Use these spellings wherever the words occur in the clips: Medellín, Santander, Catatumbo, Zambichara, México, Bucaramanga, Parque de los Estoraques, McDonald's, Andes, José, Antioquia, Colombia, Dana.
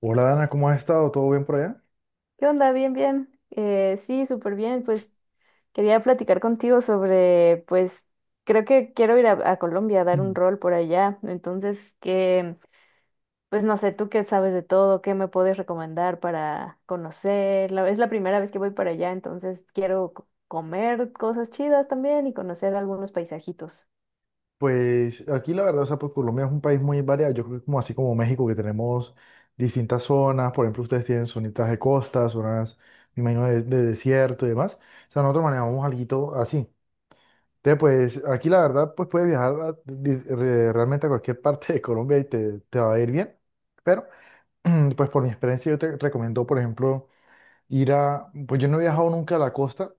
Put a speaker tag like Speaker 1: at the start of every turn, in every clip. Speaker 1: Hola Dana, ¿cómo has estado? ¿Todo bien por allá?
Speaker 2: ¿Qué onda? Bien, bien. Sí, súper bien. Pues quería platicar contigo sobre, pues creo que quiero ir a Colombia a dar un
Speaker 1: Mm.
Speaker 2: rol por allá. Entonces, que, pues no sé, tú qué sabes de todo, qué me puedes recomendar para conocer. Es la primera vez que voy para allá, entonces quiero comer cosas chidas también y conocer algunos paisajitos.
Speaker 1: Pues aquí la verdad, o sea, pues Colombia es un país muy variado. Yo creo que como así como México, que tenemos distintas zonas. Por ejemplo, ustedes tienen zonitas de costa, zonas, me imagino, de desierto y demás. O sea, nosotros manejamos algo así. Entonces, pues aquí la verdad, pues puedes viajar realmente a cualquier parte de Colombia y te va a ir bien. Pero, pues por mi experiencia, yo te recomiendo, por ejemplo, Pues yo no he viajado nunca a la costa.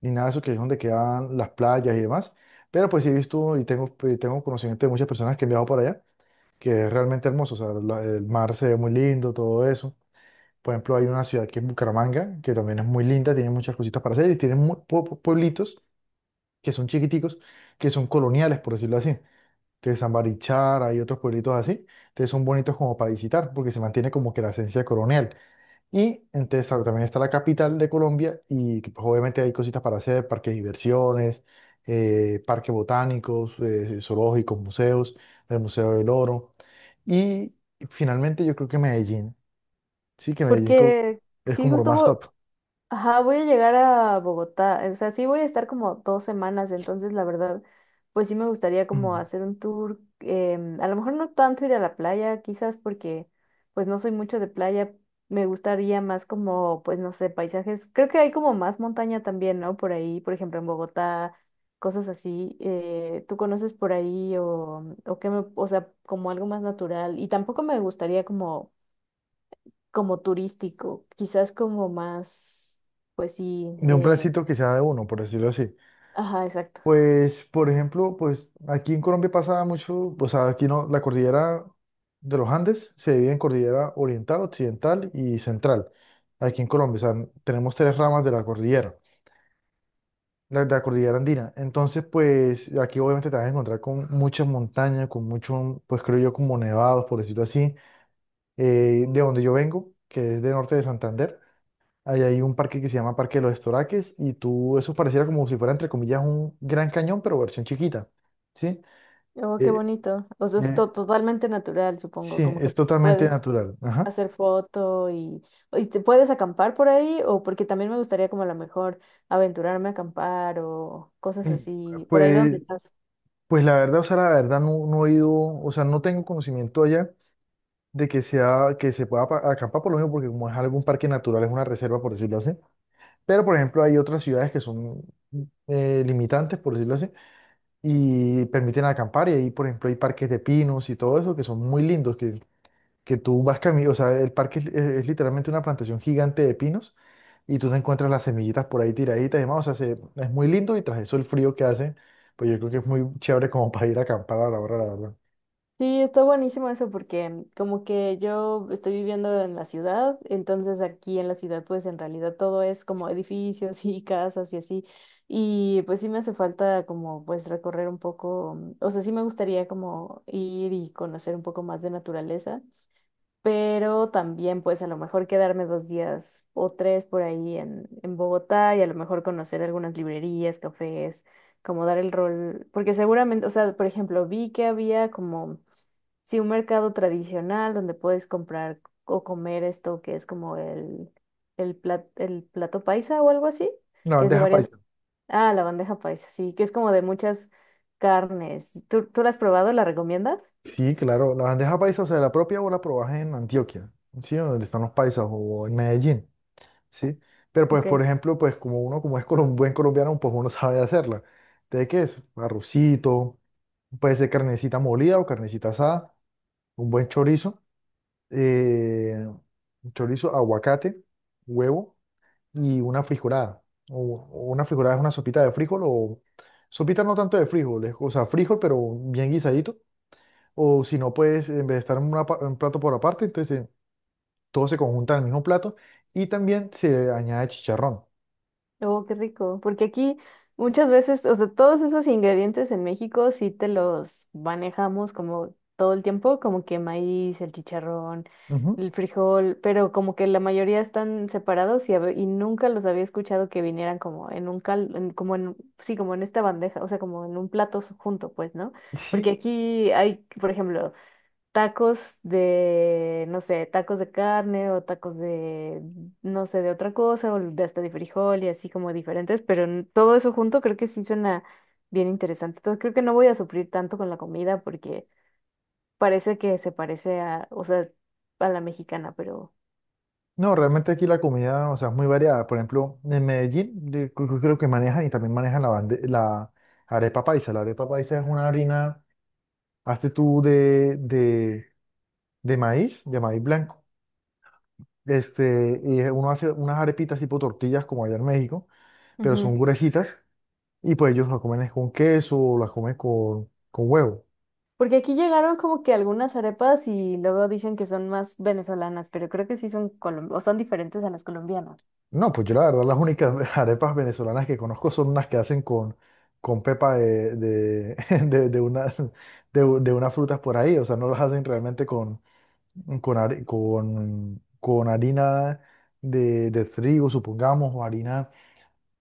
Speaker 1: Ni nada de eso que es donde quedan las playas y demás. Pero pues sí he visto y tengo conocimiento de muchas personas que han viajado para allá, que es realmente hermoso, o sea, el mar se ve muy lindo, todo eso. Por ejemplo, hay una ciudad que es Bucaramanga, que también es muy linda, tiene muchas cositas para hacer y tiene muy, pueblitos que son chiquiticos, que son coloniales, por decirlo así. Entonces, Zambichara y otros pueblitos así, entonces son bonitos como para visitar, porque se mantiene como que la esencia colonial. Y entonces claro, también está la capital de Colombia y que, pues, obviamente hay cositas para hacer, parques de diversiones, parques botánicos, zoológicos, museos, el Museo del Oro. Y finalmente yo creo que Medellín, sí que Medellín
Speaker 2: Porque
Speaker 1: es
Speaker 2: sí,
Speaker 1: como lo más top
Speaker 2: ajá, voy a llegar a Bogotá, o sea, sí voy a estar como 2 semanas. Entonces, la verdad, pues sí me gustaría como hacer un tour, a lo mejor no tanto ir a la playa, quizás porque pues no soy mucho de playa. Me gustaría más como, pues no sé, paisajes. Creo que hay como más montaña también, ¿no? Por ahí, por ejemplo, en Bogotá, cosas así, ¿tú conoces por ahí o qué me, o sea, como algo más natural? Y tampoco me gustaría como como turístico, quizás como más, pues sí,
Speaker 1: de un plancito que sea de uno, por decirlo así.
Speaker 2: ajá, exacto.
Speaker 1: Pues, por ejemplo, pues aquí en Colombia pasa mucho, o sea, aquí no, la cordillera de los Andes se divide en cordillera oriental, occidental y central. Aquí en Colombia, o sea, tenemos tres ramas de la cordillera, de la cordillera andina. Entonces, pues aquí obviamente te vas a encontrar con muchas montañas, con muchos, pues creo yo, como nevados, por decirlo así. De donde yo vengo, que es de norte de Santander, ahí hay un parque que se llama Parque de los Estoraques y tú, eso pareciera como si fuera, entre comillas, un gran cañón, pero versión chiquita. ¿Sí?
Speaker 2: Oh, qué
Speaker 1: Eh,
Speaker 2: bonito. O sea, es
Speaker 1: eh,
Speaker 2: totalmente natural,
Speaker 1: sí,
Speaker 2: supongo, como que
Speaker 1: es totalmente
Speaker 2: puedes
Speaker 1: natural. Ajá.
Speaker 2: hacer foto y te puedes acampar por ahí. O porque también me gustaría como a lo mejor aventurarme a acampar o cosas
Speaker 1: Mm.
Speaker 2: así, por ahí donde
Speaker 1: Pues,
Speaker 2: estás.
Speaker 1: pues la verdad, o sea, la verdad no he ido, o sea, no tengo conocimiento allá de que sea, que se pueda acampar por lo mismo, porque como es algún parque natural, es una reserva, por decirlo así. Pero, por ejemplo, hay otras ciudades que son limitantes, por decirlo así, y permiten acampar. Y ahí, por ejemplo, hay parques de pinos y todo eso que son muy lindos, que tú vas camino, o sea, el parque es literalmente una plantación gigante de pinos y tú te encuentras las semillitas por ahí tiraditas y demás. O sea, es muy lindo y tras eso el frío que hace, pues yo creo que es muy chévere como para ir a acampar a la hora, la verdad.
Speaker 2: Sí, está buenísimo eso porque como que yo estoy viviendo en la ciudad. Entonces, aquí en la ciudad pues en realidad todo es como edificios y casas y así, y pues sí me hace falta como pues recorrer un poco. O sea, sí me gustaría como ir y conocer un poco más de naturaleza, pero también pues a lo mejor quedarme 2 días o 3 por ahí en Bogotá y a lo mejor conocer algunas librerías, cafés, como dar el rol. Porque seguramente, o sea, por ejemplo, vi que había como, sí, un mercado tradicional donde puedes comprar o comer esto que es como el, el plato paisa o algo así,
Speaker 1: La
Speaker 2: que es de
Speaker 1: bandeja
Speaker 2: varias,
Speaker 1: paisa.
Speaker 2: ah, la bandeja paisa, sí, que es como de muchas carnes. ¿Tú la has probado? ¿La recomiendas?
Speaker 1: Sí, claro, la bandeja paisa, o sea, la propia o la probás en Antioquia, ¿sí? Donde están los paisas o en Medellín, ¿sí? Pero pues,
Speaker 2: Ok.
Speaker 1: por ejemplo, pues como uno, como es buen colombiano, pues uno sabe hacerla. ¿De qué es? Arrocito, puede ser carnecita molida o carnecita asada, un buen chorizo, eh, chorizo, aguacate, huevo. Y una frijolada. O, o una frijolada es una sopita de frijol o sopita no tanto de frijol, o sea, frijol pero bien guisadito. O si no, pues en vez de estar en una un plato por aparte, entonces todo se conjunta en el mismo plato y también se añade chicharrón.
Speaker 2: Oh, qué rico, porque aquí muchas veces, o sea, todos esos ingredientes en México sí te los manejamos como todo el tiempo, como que maíz, el chicharrón,
Speaker 1: Ujú,
Speaker 2: el frijol, pero como que la mayoría están separados y nunca los había escuchado que vinieran como en un cal, como en, sí, como en esta bandeja, o sea, como en un plato junto, pues, ¿no? Porque
Speaker 1: sí,
Speaker 2: aquí hay, por ejemplo, tacos de, no sé, tacos de carne o tacos de, no sé, de otra cosa, o de hasta de frijol y así como diferentes, pero todo eso junto creo que sí suena bien interesante. Entonces creo que no voy a sufrir tanto con la comida porque parece que se parece a, o sea, a la mexicana, pero...
Speaker 1: no, realmente aquí la comida, o sea, es muy variada. Por ejemplo, en Medellín creo que manejan y también manejan la arepa paisa. La arepa paisa es una harina, hazte tú de, de maíz, de maíz blanco. Y uno hace unas arepitas tipo tortillas como allá en México, pero son
Speaker 2: Ujú.
Speaker 1: gruesitas y pues ellos las comen es con queso o las comen con huevo.
Speaker 2: Porque aquí llegaron como que algunas arepas y luego dicen que son más venezolanas, pero creo que sí son o son diferentes a las colombianas.
Speaker 1: No, pues yo la verdad las únicas arepas venezolanas que conozco son unas que hacen con pepa de una, de unas frutas por ahí, o sea, no las hacen realmente con harina de trigo, supongamos, o harina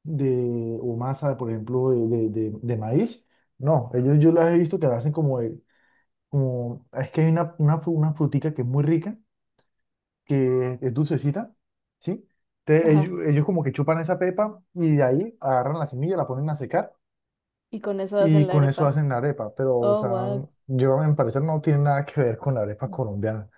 Speaker 1: o masa, por ejemplo, de maíz. No, ellos yo las he visto que la hacen como es que hay una frutica que es muy rica, que es dulcecita, ¿sí? Te-
Speaker 2: Ajá.
Speaker 1: ellos, ellos como que chupan esa pepa y de ahí agarran la semilla, la ponen a secar
Speaker 2: Y con eso hacen
Speaker 1: y
Speaker 2: la
Speaker 1: con eso
Speaker 2: arepa.
Speaker 1: hacen la arepa. Pero, o
Speaker 2: Oh,
Speaker 1: sea,
Speaker 2: wow.
Speaker 1: yo a mi parecer no tiene nada que ver con la arepa colombiana.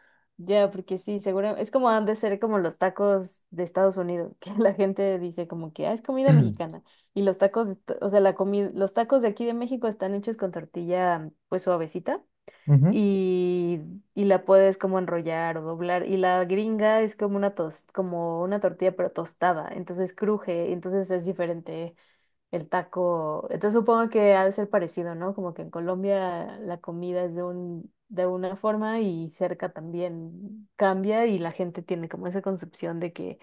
Speaker 2: Ya, porque sí, seguro. Es como han de ser como los tacos de Estados Unidos, que la gente dice como que, ah, es comida mexicana. Y los tacos, o sea, la comida, los tacos de aquí de México están hechos con tortilla, pues suavecita,
Speaker 1: Ujú.
Speaker 2: y, y la puedes como enrollar o doblar. Y la gringa es como una tos, como una tortilla, pero tostada, entonces cruje, entonces es diferente el taco. Entonces supongo que ha de ser parecido, ¿no? Como que en Colombia la comida es de un, de una forma y cerca también cambia y la gente tiene como esa concepción de que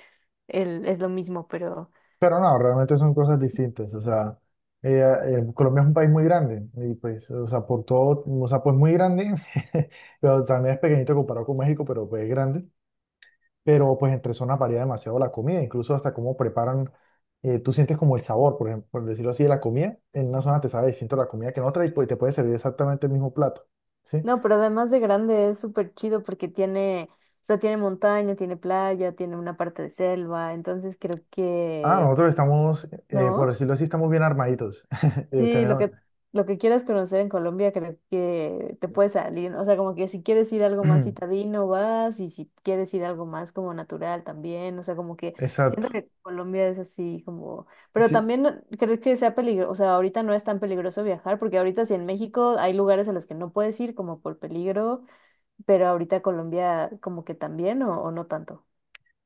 Speaker 2: el, es lo mismo, pero
Speaker 1: Pero no, realmente son cosas distintas. O sea, Colombia es un país muy grande y pues, o sea, por todo, o sea, pues muy grande, pero también es pequeñito comparado con México, pero pues es grande. Pero pues entre zonas varía demasiado la comida, incluso hasta cómo preparan, tú sientes como el sabor, por ejemplo, por decirlo así, de la comida. En una zona te sabe distinto la comida que en otra y pues te puede servir exactamente el mismo plato, ¿sí?
Speaker 2: no. Pero además de grande es súper chido porque tiene, o sea, tiene montaña, tiene playa, tiene una parte de selva, entonces creo
Speaker 1: Ah,
Speaker 2: que,
Speaker 1: nosotros estamos, por
Speaker 2: ¿no?
Speaker 1: decirlo así, estamos bien armaditos.
Speaker 2: Sí,
Speaker 1: Tenemos,
Speaker 2: lo que quieras conocer en Colombia creo que te puede salir. O sea, como que si quieres ir algo más citadino vas y si quieres ir algo más como natural también. O sea, como que siento
Speaker 1: exacto.
Speaker 2: que Colombia es así como, pero
Speaker 1: Sí,
Speaker 2: también creo que sea peligroso. O sea, ahorita no es tan peligroso viajar porque ahorita sí en México hay lugares a los que no puedes ir como por peligro, pero ahorita Colombia como que también o no tanto.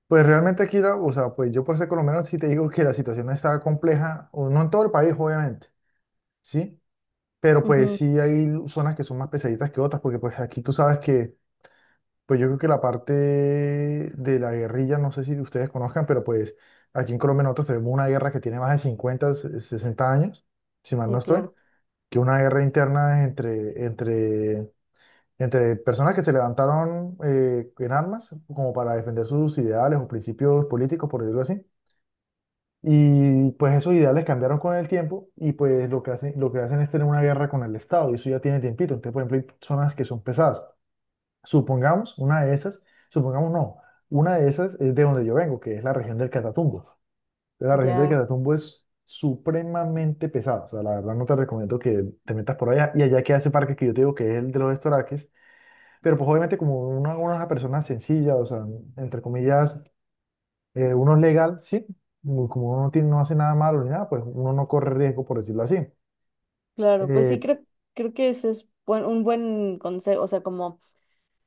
Speaker 1: pues realmente aquí, o sea, pues yo por ser colombiano sí te digo que la situación está compleja, o no en todo el país, obviamente, ¿sí? Pero pues
Speaker 2: Ujú.
Speaker 1: sí hay zonas que son más pesaditas que otras, porque pues aquí tú sabes que, pues yo creo que la parte de la guerrilla, no sé si ustedes conozcan, pero pues aquí en Colombia nosotros tenemos una guerra que tiene más de 50, 60 años, si mal no
Speaker 2: Sí,
Speaker 1: estoy,
Speaker 2: claro,
Speaker 1: que una guerra interna entre personas que se levantaron en armas como para defender sus ideales o principios políticos, por decirlo así. Y pues esos ideales cambiaron con el tiempo y pues lo que hacen es tener una guerra con el Estado y eso ya tiene tiempito. Entonces, por ejemplo, hay personas que son pesadas. Supongamos una de esas, supongamos no, una de esas es de donde yo vengo, que es la región del Catatumbo. Entonces, la región del
Speaker 2: ya,
Speaker 1: Catatumbo es supremamente pesada. O sea, la verdad no te recomiendo que te metas por allá y allá queda ese parque que yo te digo que es el de los estoraques. Pero pues obviamente como una persona sencilla, o sea, entre comillas uno es legal, sí, como uno no tiene, no hace nada malo ni nada, pues uno no corre riesgo, por decirlo así.
Speaker 2: claro, pues sí
Speaker 1: Eh,
Speaker 2: creo, creo que ese es un buen consejo, o sea, como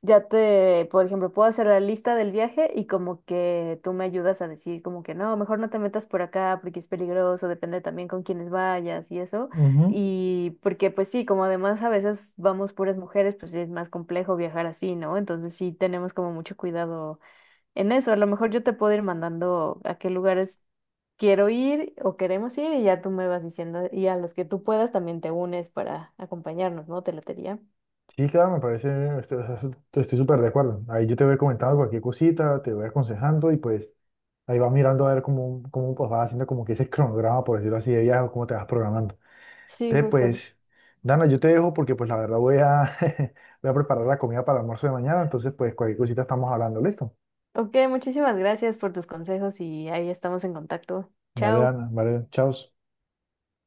Speaker 2: ya te, por ejemplo, puedo hacer la lista del viaje y como que tú me ayudas a decir como que no, mejor no te metas por acá porque es peligroso, depende también con quiénes vayas y eso.
Speaker 1: ujú,
Speaker 2: Y porque pues sí, como además a veces vamos puras mujeres, pues sí es más complejo viajar así, ¿no? Entonces sí tenemos como mucho cuidado en eso. A lo mejor yo te puedo ir mandando a qué lugares quiero ir o queremos ir y ya tú me vas diciendo y a los que tú puedas también te unes para acompañarnos, ¿no? Te latería.
Speaker 1: sí, claro, me parece, estoy, o sea, estoy súper de acuerdo. Ahí yo te voy comentando cualquier cosita, te voy aconsejando y pues ahí vas mirando a ver cómo pues, vas haciendo como que ese cronograma, por decirlo así, de viaje o cómo te vas programando.
Speaker 2: Sí,
Speaker 1: Entonces,
Speaker 2: justo.
Speaker 1: pues, Dana, yo te dejo porque pues la verdad voy a preparar la comida para el almuerzo de mañana, entonces pues cualquier cosita estamos hablando, ¿listo?
Speaker 2: Ok, muchísimas gracias por tus consejos y ahí estamos en contacto.
Speaker 1: Vale,
Speaker 2: Chao.
Speaker 1: Dana, vale, chao.